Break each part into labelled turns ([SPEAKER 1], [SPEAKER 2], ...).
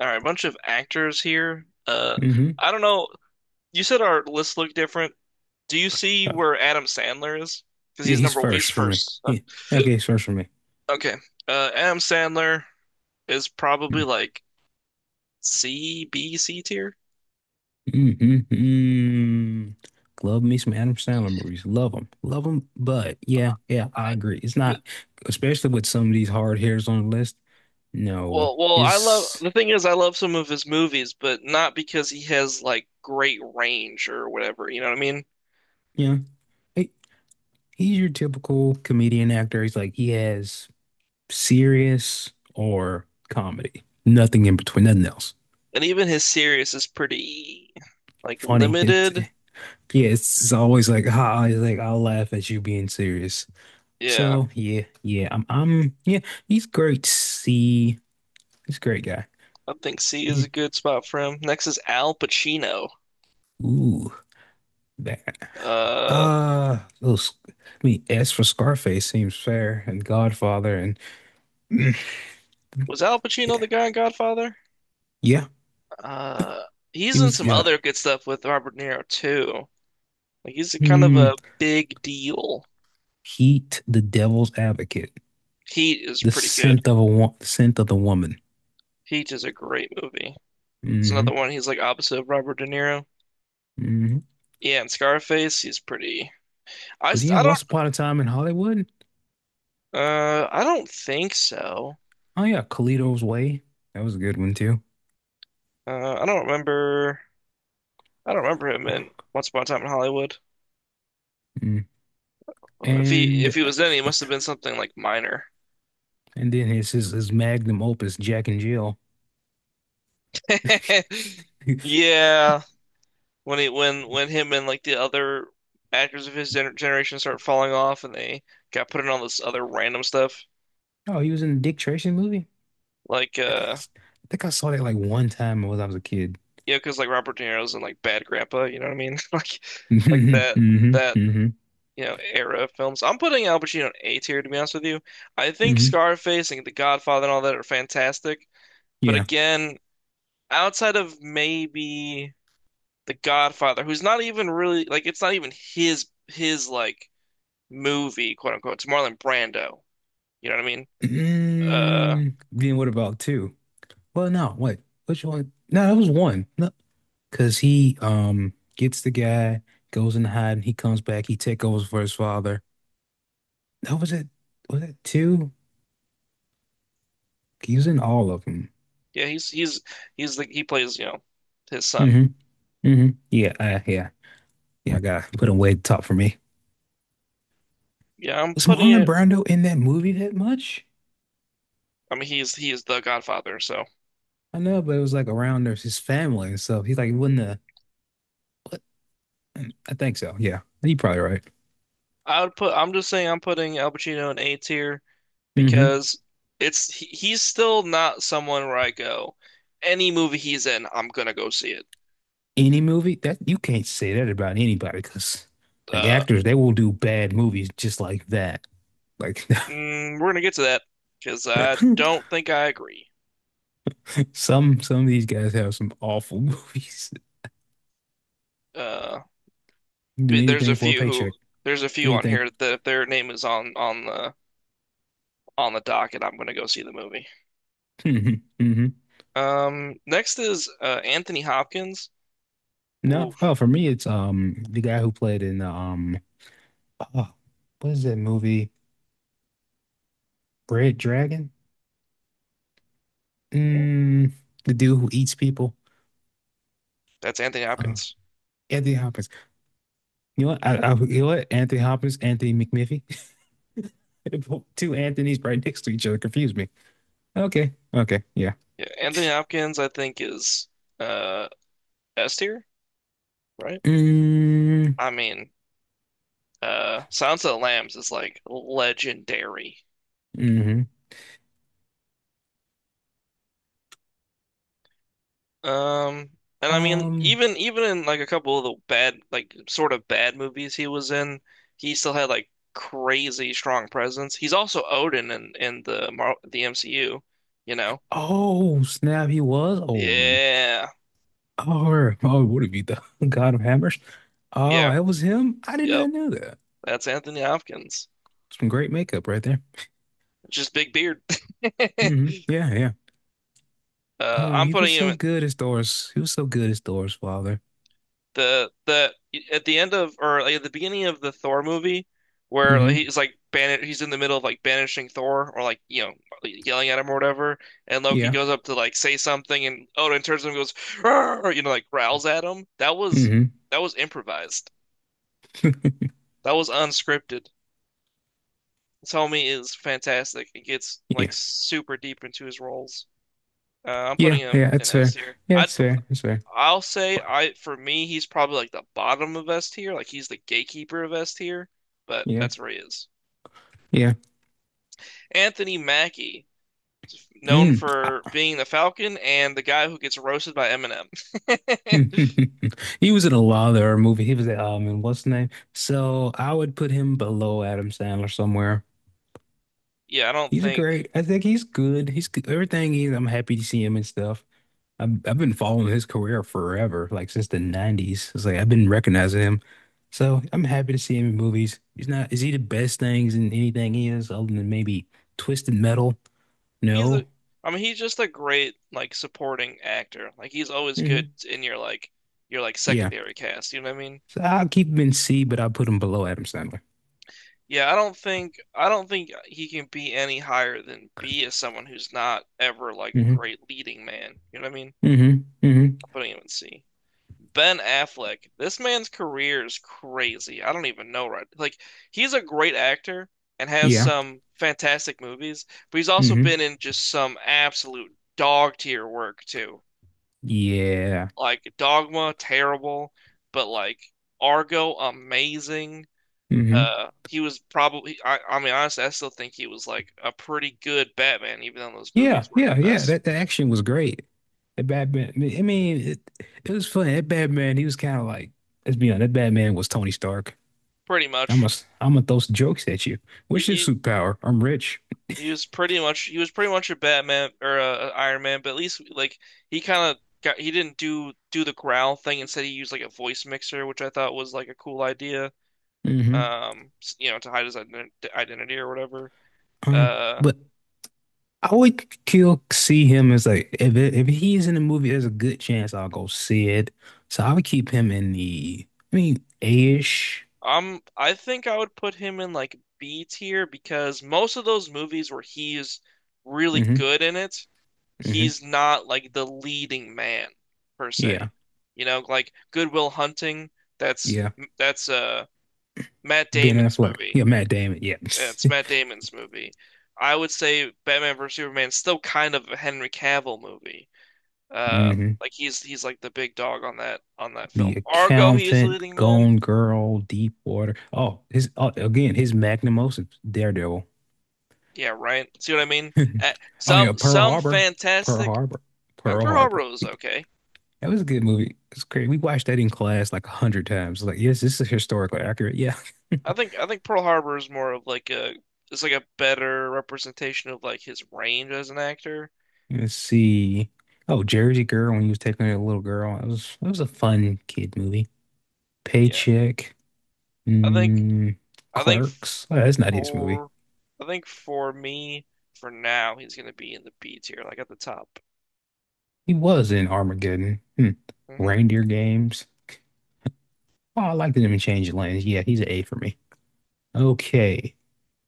[SPEAKER 1] All right, a bunch of actors here. Uh,
[SPEAKER 2] Hmm,
[SPEAKER 1] I don't know. You said our lists look different. Do you see where Adam Sandler is? Because
[SPEAKER 2] yeah, he's first
[SPEAKER 1] he's
[SPEAKER 2] for me.
[SPEAKER 1] first.
[SPEAKER 2] Yeah. Okay, he's first for me.
[SPEAKER 1] Okay. Adam Sandler is probably like C, B, C tier.
[SPEAKER 2] Mm-hmm. Love me some Adam Sandler movies. Love them. Love them. But yeah, yeah, I
[SPEAKER 1] Uh,
[SPEAKER 2] agree. It's
[SPEAKER 1] th-
[SPEAKER 2] not, especially with some of these hard hitters on the list. No,
[SPEAKER 1] well, I love
[SPEAKER 2] it's,
[SPEAKER 1] the thing is I love some of his movies, but not because he has like great range or whatever. You know what I mean?
[SPEAKER 2] yeah, he- he's your typical comedian actor. He's like, he has serious or comedy, nothing in between, nothing else.
[SPEAKER 1] And even his series is pretty like
[SPEAKER 2] Funny. It's,
[SPEAKER 1] limited.
[SPEAKER 2] yeah, it's always like, ha, it's like, I'll laugh at you being serious.
[SPEAKER 1] Yeah,
[SPEAKER 2] So yeah, yeah, yeah, he's great. See, he's a great guy.
[SPEAKER 1] I think C is
[SPEAKER 2] Yeah.
[SPEAKER 1] a good spot for him. Next is Al Pacino.
[SPEAKER 2] Ooh, that.
[SPEAKER 1] Uh,
[SPEAKER 2] Those. I mean, as for Scarface, seems fair, and Godfather, and mm,
[SPEAKER 1] was Al Pacino
[SPEAKER 2] yeah,
[SPEAKER 1] the guy in Godfather?
[SPEAKER 2] yeah,
[SPEAKER 1] Uh, he's
[SPEAKER 2] he
[SPEAKER 1] in
[SPEAKER 2] was
[SPEAKER 1] some
[SPEAKER 2] yeah.
[SPEAKER 1] other good stuff with Robert De Niro too. Like he's a kind of
[SPEAKER 2] Hmm.
[SPEAKER 1] a big deal.
[SPEAKER 2] Heat, The Devil's Advocate,
[SPEAKER 1] Heat is pretty good.
[SPEAKER 2] The Scent of the Woman.
[SPEAKER 1] Heat is a great movie. It's another
[SPEAKER 2] Mm-hmm.
[SPEAKER 1] one. He's like opposite of Robert De Niro.
[SPEAKER 2] Mm-hmm.
[SPEAKER 1] Yeah, and Scarface, he's pretty. I,
[SPEAKER 2] Was he
[SPEAKER 1] I
[SPEAKER 2] in
[SPEAKER 1] don't
[SPEAKER 2] Once Upon a Time in Hollywood?
[SPEAKER 1] I don't think so.
[SPEAKER 2] Oh yeah, Carlito's Way. That was a good one too.
[SPEAKER 1] I don't remember. I don't remember him in Once Upon a Time in Hollywood.
[SPEAKER 2] Mm.
[SPEAKER 1] Well, if
[SPEAKER 2] And.
[SPEAKER 1] he was then, he must have been something like minor.
[SPEAKER 2] And then his magnum opus, Jack and Jill.
[SPEAKER 1] Yeah, when he when him and like the other actors of his generation start falling off, and they got put in all this other random stuff,
[SPEAKER 2] Oh, he was in the Dick Tracy movie?
[SPEAKER 1] like
[SPEAKER 2] I think I saw that like one time when I was a kid.
[SPEAKER 1] yeah, because like Robert De Niro's in like Bad Grandpa, you know what I mean? Like like
[SPEAKER 2] hmm
[SPEAKER 1] that
[SPEAKER 2] hmm
[SPEAKER 1] that
[SPEAKER 2] hmm
[SPEAKER 1] you know era of films. I'm putting Al Pacino in A tier to be honest with you. I think
[SPEAKER 2] hmm
[SPEAKER 1] Scarface and The Godfather and all that are fantastic, but
[SPEAKER 2] Yeah.
[SPEAKER 1] again, outside of maybe. The Godfather, who's not even really like it's not even his like movie, quote unquote. It's Marlon Brando. You know what I mean? Uh,
[SPEAKER 2] Mm, then what about two? Well, no, what? Which one? No, that was one. No, because he gets the guy, goes in hiding, he comes back, he take over for his father. That was it. Was it two? He was in all of them.
[SPEAKER 1] yeah, he's the he plays, you know, his son.
[SPEAKER 2] Hmm hmm Yeah, yeah. Yeah, I gotta put him way top for me.
[SPEAKER 1] Yeah, I'm
[SPEAKER 2] Was
[SPEAKER 1] putting
[SPEAKER 2] Marlon
[SPEAKER 1] it.
[SPEAKER 2] Brando in that movie that much?
[SPEAKER 1] I mean, he is the Godfather, so
[SPEAKER 2] I know, but it was like around there's his family and stuff. He's like, wouldn't the what? I think so. Yeah, you are probably right.
[SPEAKER 1] I would put. I'm just saying, I'm putting Al Pacino in A tier
[SPEAKER 2] Hmm.
[SPEAKER 1] because it's he's still not someone where I go, any movie he's in, I'm gonna go see it.
[SPEAKER 2] Any movie that you can't say that about anybody, because like
[SPEAKER 1] Uh,
[SPEAKER 2] actors, they will do bad movies just like that. Like
[SPEAKER 1] we're gonna get to that because I don't think I agree.
[SPEAKER 2] some of these guys have some awful movies.
[SPEAKER 1] Uh.
[SPEAKER 2] Do
[SPEAKER 1] There's a
[SPEAKER 2] anything for a
[SPEAKER 1] few who
[SPEAKER 2] paycheck.
[SPEAKER 1] there's a few on
[SPEAKER 2] Anything.
[SPEAKER 1] here that if their name is on on the docket, I'm gonna go see the movie.
[SPEAKER 2] hmm
[SPEAKER 1] Next is Anthony Hopkins.
[SPEAKER 2] No.
[SPEAKER 1] Ooh,
[SPEAKER 2] Oh, for me, it's the guy who played in Oh, what is that movie? Red Dragon?
[SPEAKER 1] hmm,
[SPEAKER 2] Mm, the dude who eats people.
[SPEAKER 1] that's Anthony
[SPEAKER 2] Uh,
[SPEAKER 1] Hopkins.
[SPEAKER 2] Anthony Hopkins. You know what? You know what? Anthony Hopkins, Anthony McMiffy. Two Anthony's right next to each other. Confuse me. Okay. Okay. Yeah.
[SPEAKER 1] Yeah, Anthony Hopkins, I think is uh S tier, right?
[SPEAKER 2] Mm,
[SPEAKER 1] I mean, Silence of the Lambs is like legendary.
[SPEAKER 2] hmm.
[SPEAKER 1] Um, and I mean,
[SPEAKER 2] Um.
[SPEAKER 1] even in like a couple of the bad, like sort of bad movies he was in, he still had like crazy strong presence. He's also Odin in the MCU, you know?
[SPEAKER 2] Oh, snap. He was Odin.
[SPEAKER 1] Yeah,
[SPEAKER 2] Oh, oh, would it be the God of Hammers? Oh,
[SPEAKER 1] yeah,
[SPEAKER 2] it was him? I did
[SPEAKER 1] yep.
[SPEAKER 2] not know that.
[SPEAKER 1] That's Anthony Hopkins.
[SPEAKER 2] Some great makeup right there.
[SPEAKER 1] Just big beard.
[SPEAKER 2] Hmm. Yeah. Yeah. Oh,
[SPEAKER 1] I'm
[SPEAKER 2] he was
[SPEAKER 1] putting him.
[SPEAKER 2] so
[SPEAKER 1] In.
[SPEAKER 2] good as Doris. He was so good as Doris' father.
[SPEAKER 1] The at the end of or like, at the beginning of the Thor movie where
[SPEAKER 2] Mm-hmm.
[SPEAKER 1] he's like ban he's in the middle of like banishing Thor or like you know yelling at him or whatever, and Loki
[SPEAKER 2] Yeah.
[SPEAKER 1] goes up to like say something, and Odin turns to him and goes "Arr!" You know, like growls at him. That was
[SPEAKER 2] Mm-hmm.
[SPEAKER 1] that was improvised, that was unscripted. Tommy is fantastic, he gets like
[SPEAKER 2] Yeah.
[SPEAKER 1] super deep into his roles. I'm putting
[SPEAKER 2] Yeah.
[SPEAKER 1] him
[SPEAKER 2] Yeah.
[SPEAKER 1] in
[SPEAKER 2] That's
[SPEAKER 1] S
[SPEAKER 2] fair.
[SPEAKER 1] tier.
[SPEAKER 2] Yeah, it's fair. It's fair.
[SPEAKER 1] I'll say
[SPEAKER 2] Fuck.
[SPEAKER 1] I for me he's probably like the bottom of S tier, like he's the gatekeeper of S tier, but
[SPEAKER 2] Yeah.
[SPEAKER 1] that's where he is.
[SPEAKER 2] Yeah.
[SPEAKER 1] Anthony Mackie, known
[SPEAKER 2] Mm.
[SPEAKER 1] for
[SPEAKER 2] Ah.
[SPEAKER 1] being the Falcon and the guy who gets roasted by Eminem.
[SPEAKER 2] He was in a lot of their movie. He was in what's the name? So I would put him below Adam Sandler somewhere.
[SPEAKER 1] Yeah, I don't
[SPEAKER 2] He's a
[SPEAKER 1] think
[SPEAKER 2] great. I think he's good. He's good. Everything he's. I'm happy to see him and stuff. I've been following his career forever, like since the 90s. It's like I've been recognizing him. So I'm happy to see him in movies. He's not, is he the best things in anything he is other than maybe Twisted Metal?
[SPEAKER 1] he's
[SPEAKER 2] No.
[SPEAKER 1] a I mean he's just a great like supporting actor. Like he's always good
[SPEAKER 2] Hmm.
[SPEAKER 1] in your like
[SPEAKER 2] Yeah.
[SPEAKER 1] secondary cast, you know what I mean?
[SPEAKER 2] So I'll keep him in C, but I'll put him below Adam Sandler.
[SPEAKER 1] Yeah, I don't think he can be any higher than B as someone who's not ever like a
[SPEAKER 2] Hmm
[SPEAKER 1] great leading man. You know what I mean?
[SPEAKER 2] hmm hmm
[SPEAKER 1] Putting him in C. Ben Affleck, this man's career is crazy. I don't even know right. Like he's a great actor and has
[SPEAKER 2] Yeah.
[SPEAKER 1] some fantastic movies, but he's also been
[SPEAKER 2] hmm
[SPEAKER 1] in just some absolute dog tier work too.
[SPEAKER 2] Yeah.
[SPEAKER 1] Like Dogma, terrible, but like Argo, amazing.
[SPEAKER 2] hmm
[SPEAKER 1] He was probably, I mean, honestly, I still think he was like a pretty good Batman, even though those
[SPEAKER 2] Yeah.
[SPEAKER 1] movies weren't the
[SPEAKER 2] Yeah. Yeah.
[SPEAKER 1] best.
[SPEAKER 2] That the action was great. That Batman, I mean, it was funny. That Batman, he was kind of like, let's be honest, that Batman was Tony Stark.
[SPEAKER 1] Pretty
[SPEAKER 2] I
[SPEAKER 1] much.
[SPEAKER 2] must I'm gonna throw some jokes at you.
[SPEAKER 1] You,
[SPEAKER 2] What's your
[SPEAKER 1] you,
[SPEAKER 2] superpower? I'm rich.
[SPEAKER 1] He was pretty much a Batman or a Iron Man, but at least like he kind of got he didn't do the growl thing. Instead, he used like a voice mixer, which I thought was like a cool idea.
[SPEAKER 2] Hmm
[SPEAKER 1] You know, to hide his identity or whatever. Uh,
[SPEAKER 2] But I would kill see him as like if he's in the movie, there's a good chance I'll go see it. So I would keep him in the I mean A-ish.
[SPEAKER 1] I'm I think I would put him in like B tier because most of those movies where he's really
[SPEAKER 2] Hmm
[SPEAKER 1] good in it,
[SPEAKER 2] hmm
[SPEAKER 1] he's not like the leading man per
[SPEAKER 2] Yeah.
[SPEAKER 1] se. You know, like Good Will Hunting. That's
[SPEAKER 2] Yeah.
[SPEAKER 1] that's uh Matt
[SPEAKER 2] Ben
[SPEAKER 1] Damon's
[SPEAKER 2] Affleck.
[SPEAKER 1] movie.
[SPEAKER 2] Yeah, Matt Damon. Yeah.
[SPEAKER 1] Yeah, it's Matt Damon's movie. I would say Batman vs Superman's still kind of a Henry Cavill movie.
[SPEAKER 2] hmm
[SPEAKER 1] Like he's like the big dog on that
[SPEAKER 2] The
[SPEAKER 1] film. Argo, he is the
[SPEAKER 2] Accountant,
[SPEAKER 1] leading man.
[SPEAKER 2] Gone Girl, Deep Water. Oh, his Oh, again, his magnum opus, Daredevil.
[SPEAKER 1] Yeah, right. See what I mean? Uh,
[SPEAKER 2] Oh yeah,
[SPEAKER 1] some some
[SPEAKER 2] Pearl
[SPEAKER 1] fantastic.
[SPEAKER 2] Harbor,
[SPEAKER 1] And
[SPEAKER 2] Pearl
[SPEAKER 1] Pearl Harbor
[SPEAKER 2] Harbor.
[SPEAKER 1] was okay.
[SPEAKER 2] That was a good movie. It's great. We watched that in class like 100 times. Like, yes, this is historically accurate. Yeah.
[SPEAKER 1] I think Pearl Harbor is more of like a it's like a better representation of like his range as an actor.
[SPEAKER 2] Let's see. Oh, Jersey Girl when he was taking a little girl. It was a fun kid movie.
[SPEAKER 1] Yeah,
[SPEAKER 2] Paycheck.
[SPEAKER 1] I think
[SPEAKER 2] Mm,
[SPEAKER 1] I think
[SPEAKER 2] Clerks. Oh, that's not his movie.
[SPEAKER 1] For I think for me, for now, he's gonna be in the B tier, like at the top.
[SPEAKER 2] He was in Armageddon. Hmm.
[SPEAKER 1] Hmm
[SPEAKER 2] Reindeer Games. Oh, I liked him in Change Lanes. Yeah, he's an A for me. Okay.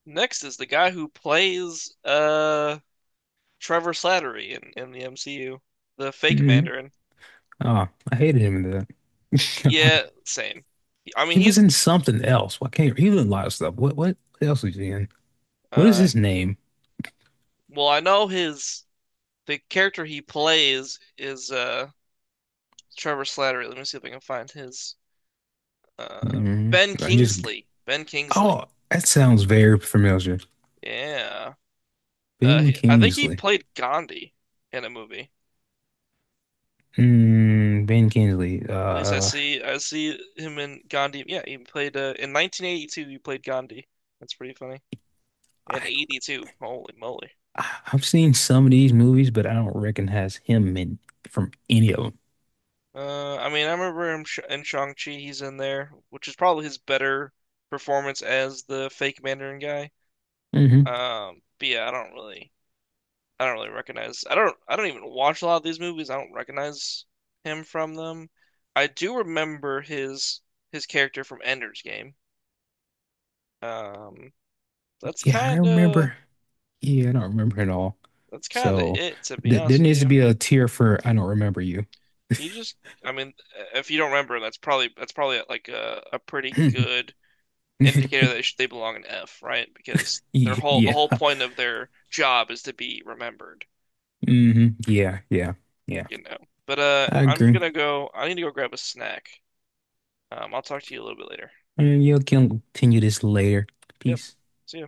[SPEAKER 1] Next is the guy who plays Trevor Slattery in the MCU, the fake
[SPEAKER 2] Mm.
[SPEAKER 1] Mandarin.
[SPEAKER 2] Oh, I hated him in that.
[SPEAKER 1] Yeah, same. I mean,
[SPEAKER 2] He was
[SPEAKER 1] he's
[SPEAKER 2] in something else. Why can't he was in a lot of stuff? What else was he in? What is
[SPEAKER 1] uh
[SPEAKER 2] his name?
[SPEAKER 1] well, I know his the character he plays is Trevor Slattery. Let me see if I can find his uh
[SPEAKER 2] Mm,
[SPEAKER 1] Ben
[SPEAKER 2] I just
[SPEAKER 1] Kingsley. Ben Kingsley.
[SPEAKER 2] oh, that sounds very familiar.
[SPEAKER 1] Yeah.
[SPEAKER 2] Ben
[SPEAKER 1] He, I think he
[SPEAKER 2] Kingsley.
[SPEAKER 1] played Gandhi in a movie.
[SPEAKER 2] Mm, Ben Kingsley.
[SPEAKER 1] At least I see him in Gandhi. Yeah, he played in 1982. He played Gandhi. That's pretty funny. And
[SPEAKER 2] I
[SPEAKER 1] 82. Holy moly.
[SPEAKER 2] I- have seen some of these movies, but I don't recognize him in from any of
[SPEAKER 1] I mean, I remember him sh in Shang-Chi. He's in there, which is probably his better performance as the fake Mandarin guy.
[SPEAKER 2] them. Hmm
[SPEAKER 1] But yeah, I don't really recognize. I don't even watch a lot of these movies. I don't recognize him from them. I do remember his character from Ender's Game. Um, that's
[SPEAKER 2] Yeah, I
[SPEAKER 1] kind of
[SPEAKER 2] remember. Yeah, I don't remember at all.
[SPEAKER 1] That's kind of
[SPEAKER 2] So
[SPEAKER 1] it, to be
[SPEAKER 2] th there
[SPEAKER 1] honest with
[SPEAKER 2] needs to
[SPEAKER 1] you.
[SPEAKER 2] be a tier for I don't remember you.
[SPEAKER 1] He just, I mean, if you don't remember, that's probably like a pretty good indicator that they, should, they belong in F, right? Because
[SPEAKER 2] Yeah,
[SPEAKER 1] the whole
[SPEAKER 2] yeah.
[SPEAKER 1] point of their job is to be remembered,
[SPEAKER 2] hmm Yeah, yeah, yeah.
[SPEAKER 1] you know. But
[SPEAKER 2] I
[SPEAKER 1] I'm
[SPEAKER 2] agree.
[SPEAKER 1] gonna go. I need to go grab a snack. I'll talk to you a little bit later.
[SPEAKER 2] And you can continue this later.
[SPEAKER 1] Yep.
[SPEAKER 2] Peace.
[SPEAKER 1] See ya.